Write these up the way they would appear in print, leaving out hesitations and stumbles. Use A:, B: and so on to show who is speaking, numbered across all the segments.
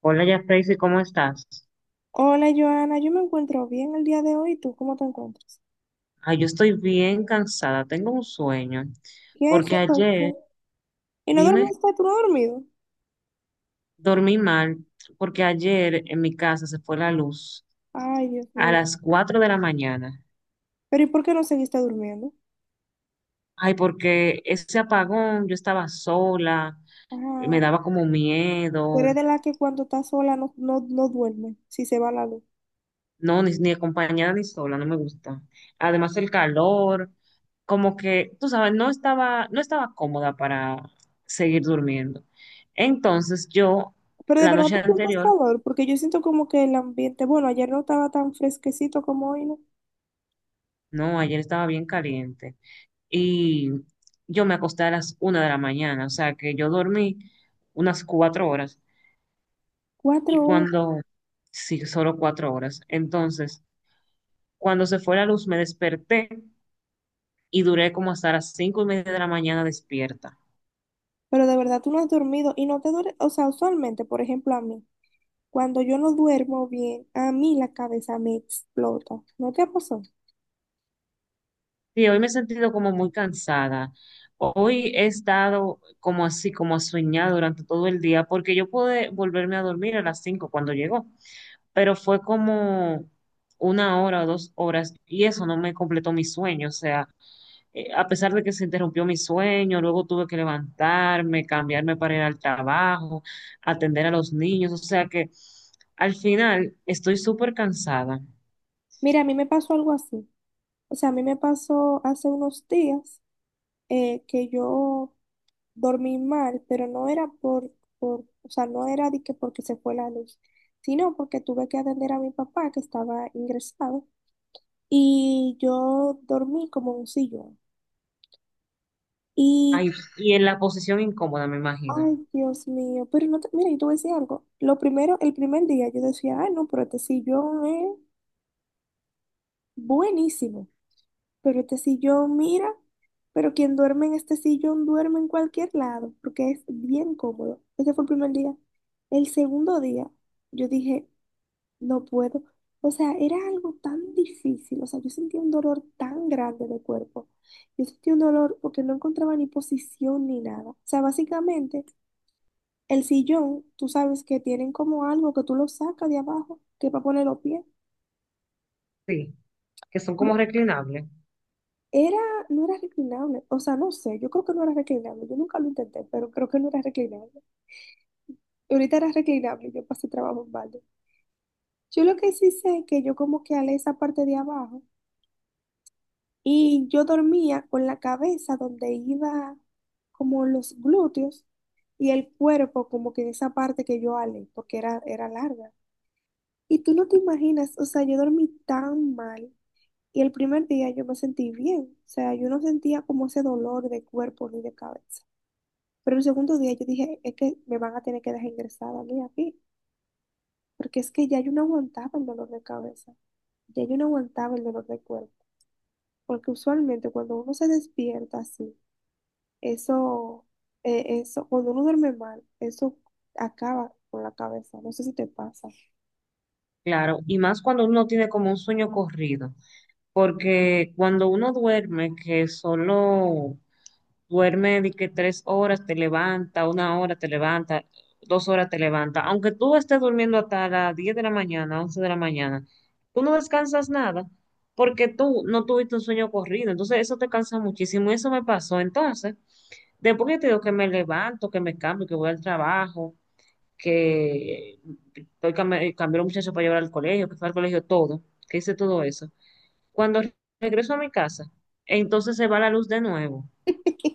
A: Hola, ya Tracy, ¿cómo estás?
B: Hola Joana, yo me encuentro bien el día de hoy. ¿Tú cómo te encuentras?
A: Ay, yo estoy bien cansada, tengo un sueño,
B: ¿Qué? ¿Qué
A: porque ayer,
B: pasó? ¿Y no
A: dime,
B: dormiste? ¿Tú no has dormido?
A: dormí mal, porque ayer en mi casa se fue la luz
B: Ay, Dios
A: a
B: mío.
A: las 4 de la mañana.
B: Pero ¿y por qué no seguiste durmiendo?
A: Ay, porque ese apagón, yo estaba sola, me
B: Ah,
A: daba como
B: tú
A: miedo.
B: eres de la que cuando está sola no duerme, si se va la luz.
A: No, ni acompañada ni sola, no me gusta. Además el calor, como que, tú sabes, no estaba cómoda para seguir durmiendo. Entonces yo,
B: Pero de
A: la
B: verdad
A: noche
B: tú sientes
A: anterior,
B: calor, porque yo siento como que el ambiente, bueno, ayer no estaba tan fresquecito como hoy, ¿no?
A: no, ayer estaba bien caliente y yo me acosté a las 1 de la mañana, o sea que yo dormí unas 4 horas
B: Cuatro
A: y
B: horas.
A: cuando, sí, solo 4 horas. Entonces, cuando se fue la luz me desperté y duré como hasta las 5:30 de la mañana despierta.
B: Pero de verdad tú no has dormido y no te duele, o sea, usualmente, por ejemplo, a mí, cuando yo no duermo bien, a mí la cabeza me explota. ¿No te pasó?
A: Sí, hoy me he sentido como muy cansada. Hoy he estado como así, como soñada durante todo el día, porque yo pude volverme a dormir a las 5 cuando llegó, pero fue como una hora o 2 horas y eso no me completó mi sueño. O sea, a pesar de que se interrumpió mi sueño, luego tuve que levantarme, cambiarme para ir al trabajo, atender a los niños. O sea que al final estoy súper cansada.
B: Mira, a mí me pasó algo así. O sea, a mí me pasó hace unos días que yo dormí mal, pero no era o sea, no era de que porque se fue la luz, sino porque tuve que atender a mi papá que estaba ingresado y yo dormí como en un sillón. Y
A: Ay, y en la posición incómoda, me imagino.
B: ay, Dios mío, pero no te, mira, yo te voy a decir algo. Lo primero, el primer día yo decía, ay, no, pero este sillón es buenísimo. Pero este sillón, mira, pero quien duerme en este sillón duerme en cualquier lado, porque es bien cómodo. Ese fue el primer día. El segundo día, yo dije, no puedo. O sea, era algo tan difícil. O sea, yo sentía un dolor tan grande de cuerpo. Yo sentía un dolor porque no encontraba ni posición ni nada. O sea, básicamente, el sillón, tú sabes que tienen como algo que tú lo sacas de abajo, que es para poner los pies.
A: Sí, que son como reclinables,
B: Era, no era reclinable, o sea, no sé, yo creo que no era reclinable, yo nunca lo intenté, pero creo que no era reclinable. Y ahorita era reclinable, y yo pasé trabajo en balde. Yo lo que sí sé es que yo como que alé esa parte de abajo y yo dormía con la cabeza donde iba como los glúteos y el cuerpo como que en esa parte que yo alé, porque era, era larga. Y tú no te imaginas, o sea, yo dormí tan mal y el primer día yo me sentí bien, o sea, yo no sentía como ese dolor de cuerpo ni de cabeza. Pero el segundo día yo dije, es que me van a tener que dejar ingresada a mí aquí, porque es que ya yo no aguantaba el dolor de cabeza, ya yo no aguantaba el dolor de cuerpo, porque usualmente cuando uno se despierta así, eso, cuando uno duerme mal, eso acaba con la cabeza, no sé si te pasa.
A: claro, y más cuando uno tiene como un sueño corrido, porque cuando uno duerme, que solo duerme de que 3 horas te levanta, una hora te levanta, 2 horas te levanta, aunque tú estés durmiendo hasta las 10 de la mañana, 11 de la mañana, tú no descansas nada, porque tú no tuviste un sueño corrido, entonces eso te cansa muchísimo, y eso me pasó, entonces, después que te digo que me levanto, que me cambio, que voy al trabajo, que cambié a los muchachos para llevar al colegio, que fue al colegio todo, que hice todo eso. Cuando regreso a mi casa, entonces se va la luz de nuevo.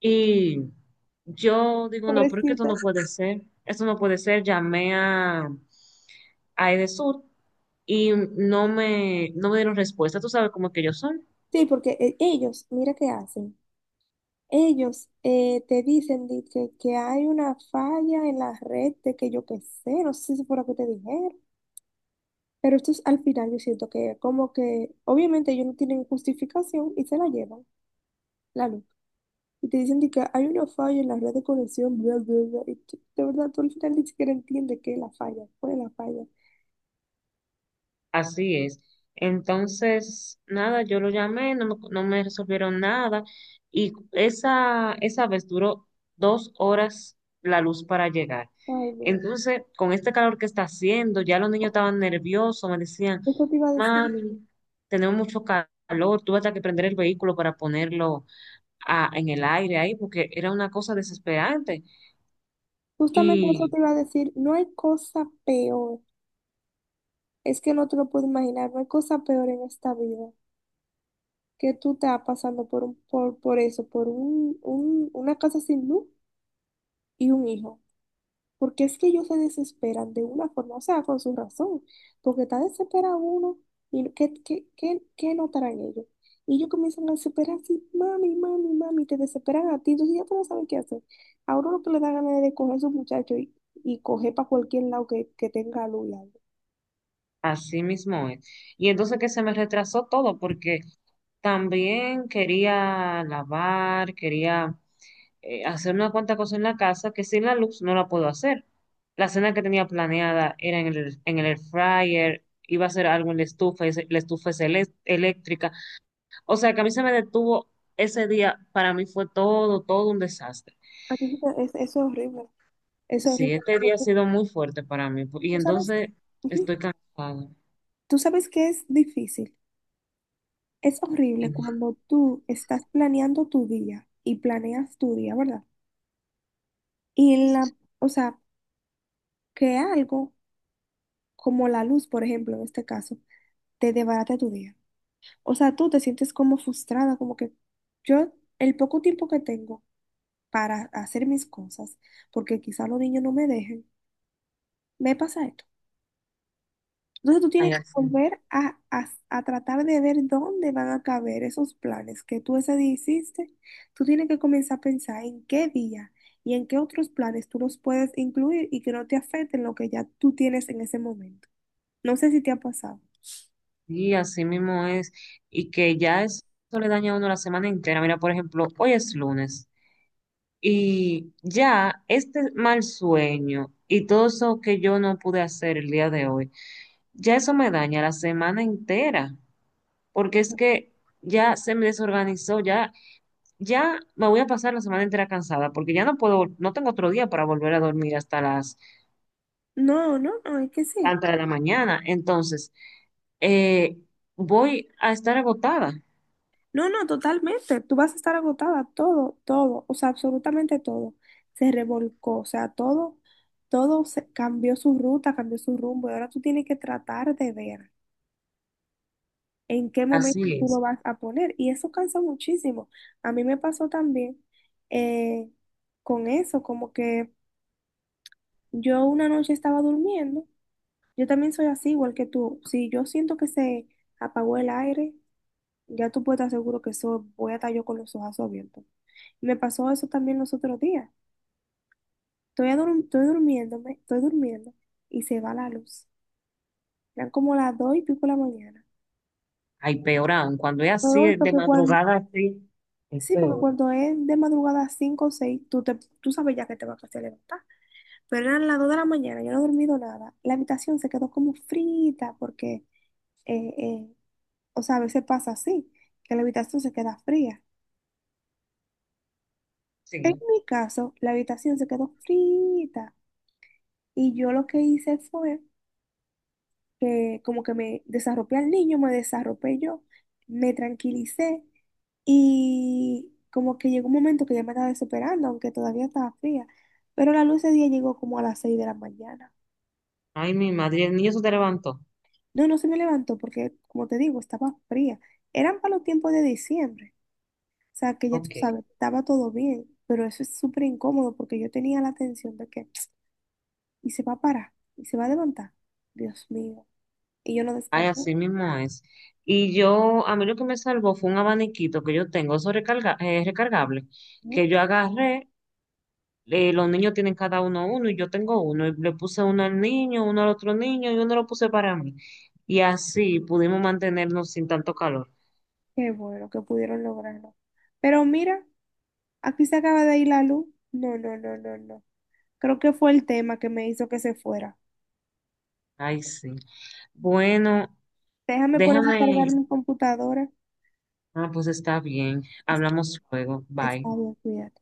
A: Y yo digo, no, pero es que esto no
B: Pobrecita.
A: puede ser, esto no puede ser. Llamé a, Edesur y no me dieron respuesta. Tú sabes cómo es que ellos son.
B: Sí, porque ellos, mira qué hacen. Ellos te dicen de que hay una falla en la red de que yo qué sé, no sé si fue lo que te dijeron. Pero estos al final yo siento que como que obviamente ellos no tienen justificación y se la llevan, la luz. Y te dicen de que hay una falla en la red de conexión, bla, bla, bla. Y de verdad, tú al final ni siquiera entiendes qué es la falla, cuál es la falla.
A: Así es. Entonces, nada, yo lo llamé, no me resolvieron nada y esa vez duró 2 horas la luz para llegar.
B: Ay, no.
A: Entonces, con este calor que está haciendo, ya los niños estaban nerviosos, me decían,
B: Eso te iba a decir.
A: mami, tenemos mucho calor, tuve hasta que prender el vehículo para ponerlo en el aire ahí, porque era una cosa desesperante.
B: Justamente eso
A: Y
B: te iba a decir. No hay cosa peor. Es que no te lo puedo imaginar. No hay cosa peor en esta vida que tú te vas pasando por, un, por eso, por un- una casa sin luz y un hijo. Porque es que ellos se desesperan de una forma, o sea, con su razón, porque está desesperado uno y no, ¿qué notarán ellos? Y ellos comienzan a desesperar así, mami, mami, mami, te desesperan a ti, entonces ya tú no sabes qué hacer. A uno lo que le da ganas es de coger a su muchacho y coger para cualquier lado que tenga luz. Y algo.
A: así mismo es. Y entonces que se me retrasó todo porque también quería lavar, quería hacer una cuanta cosa en la casa que sin la luz no la puedo hacer. La cena que tenía planeada era en el air fryer, iba a hacer algo en la estufa, y la estufa es eléctrica. O sea que a mí se me detuvo ese día, para mí fue todo, todo un desastre.
B: A ti te- es- Eso es horrible, eso es
A: Sí,
B: horrible.
A: este
B: Cuando
A: día ha
B: tú,
A: sido muy fuerte para mí y
B: tú sabes,
A: entonces estoy
B: ujú,
A: cansada.
B: tú sabes que es difícil, es
A: Sí,
B: horrible cuando tú estás planeando tu día y planeas tu día, ¿verdad? Y la, o sea, que algo como la luz, por ejemplo, en este caso, te desbarata tu día. O sea, tú te sientes como frustrada, como que yo, el poco tiempo que tengo para hacer mis cosas, porque quizá los niños no me dejen, me pasa esto. Entonces tú
A: ay,
B: tienes que
A: así.
B: volver a tratar de ver dónde van a caber esos planes que tú ese día hiciste. Tú tienes que comenzar a pensar en qué día y en qué otros planes tú los puedes incluir y que no te afecten lo que ya tú tienes en ese momento. No sé si te ha pasado.
A: Sí, así mismo es. Y que ya eso le daña a uno la semana entera. Mira, por ejemplo, hoy es lunes y ya este mal sueño y todo eso que yo no pude hacer el día de hoy, ya eso me daña la semana entera. Porque es que ya se me desorganizó, ya, ya me voy a pasar la semana entera cansada porque ya no puedo, no tengo otro día para volver a dormir hasta las
B: No, es que sí.
A: tantas de la mañana. Entonces, eh, voy a estar agotada.
B: No, no, totalmente. Tú vas a estar agotada, todo, todo, o sea, absolutamente todo. Se revolcó, o sea, todo, todo se cambió su ruta, cambió su rumbo y ahora tú tienes que tratar de ver en qué momento
A: Así
B: tú lo
A: es.
B: vas a poner. Y eso cansa muchísimo. A mí me pasó también eh, con eso, como que yo una noche estaba durmiendo. Yo también soy así, igual que tú. Si yo siento que se apagó el aire, ya tú puedes estar seguro que soy, voy a estar yo con los ojos abiertos. Me pasó eso también los otros días. Estoy, estoy durmiéndome, estoy durmiendo y se va la luz. Eran como las dos y pico de la mañana.
A: Ay, peor aún, cuando es así,
B: Rodolfo,
A: de
B: que cuando...
A: madrugada así, es
B: Sí, porque
A: peor.
B: cuando es de madrugada 5 o 6 tú, te, tú sabes ya que te vas a levantar. Pero eran las 2 de la mañana, yo no he dormido nada. La habitación se quedó como frita porque, eh, eh, o sea, a veces pasa así, que la habitación se queda fría. En
A: Sí.
B: mi caso, la habitación se quedó frita y yo lo que hice fue que como que me desarropé al niño, me desarropé yo, me tranquilicé y como que llegó un momento que ya me estaba desesperando, aunque todavía estaba fría, pero la luz ese día llegó como a las 6 de la mañana.
A: Ay, mi madre, el niño se te levantó.
B: No, no se me levantó porque, como te digo, estaba fría. Eran para los tiempos de diciembre, o sea que ya tú
A: Ok.
B: sabes, estaba todo bien, pero eso es súper incómodo porque yo tenía la tensión de que, y se va a parar, y se va a levantar, Dios mío, y yo no
A: Ay,
B: descansé.
A: así mismo es. Y yo, a mí lo que me salvó fue un abaniquito que yo tengo, eso recarga, es recargable, que yo agarré, los niños tienen cada uno uno y yo tengo uno, y le puse uno al niño, uno al otro niño y uno lo puse para mí. Y así pudimos mantenernos sin tanto calor.
B: Qué bueno que pudieron lograrlo. Pero mira, aquí se acaba de ir la luz. No, no, no, no, no. Creo que fue el tema que me hizo que se fuera.
A: Ay, sí. Bueno,
B: Déjame poner a
A: déjame.
B: cargar mi computadora.
A: Ah, pues está bien. Hablamos luego. Bye.
B: Está bien, cuídate.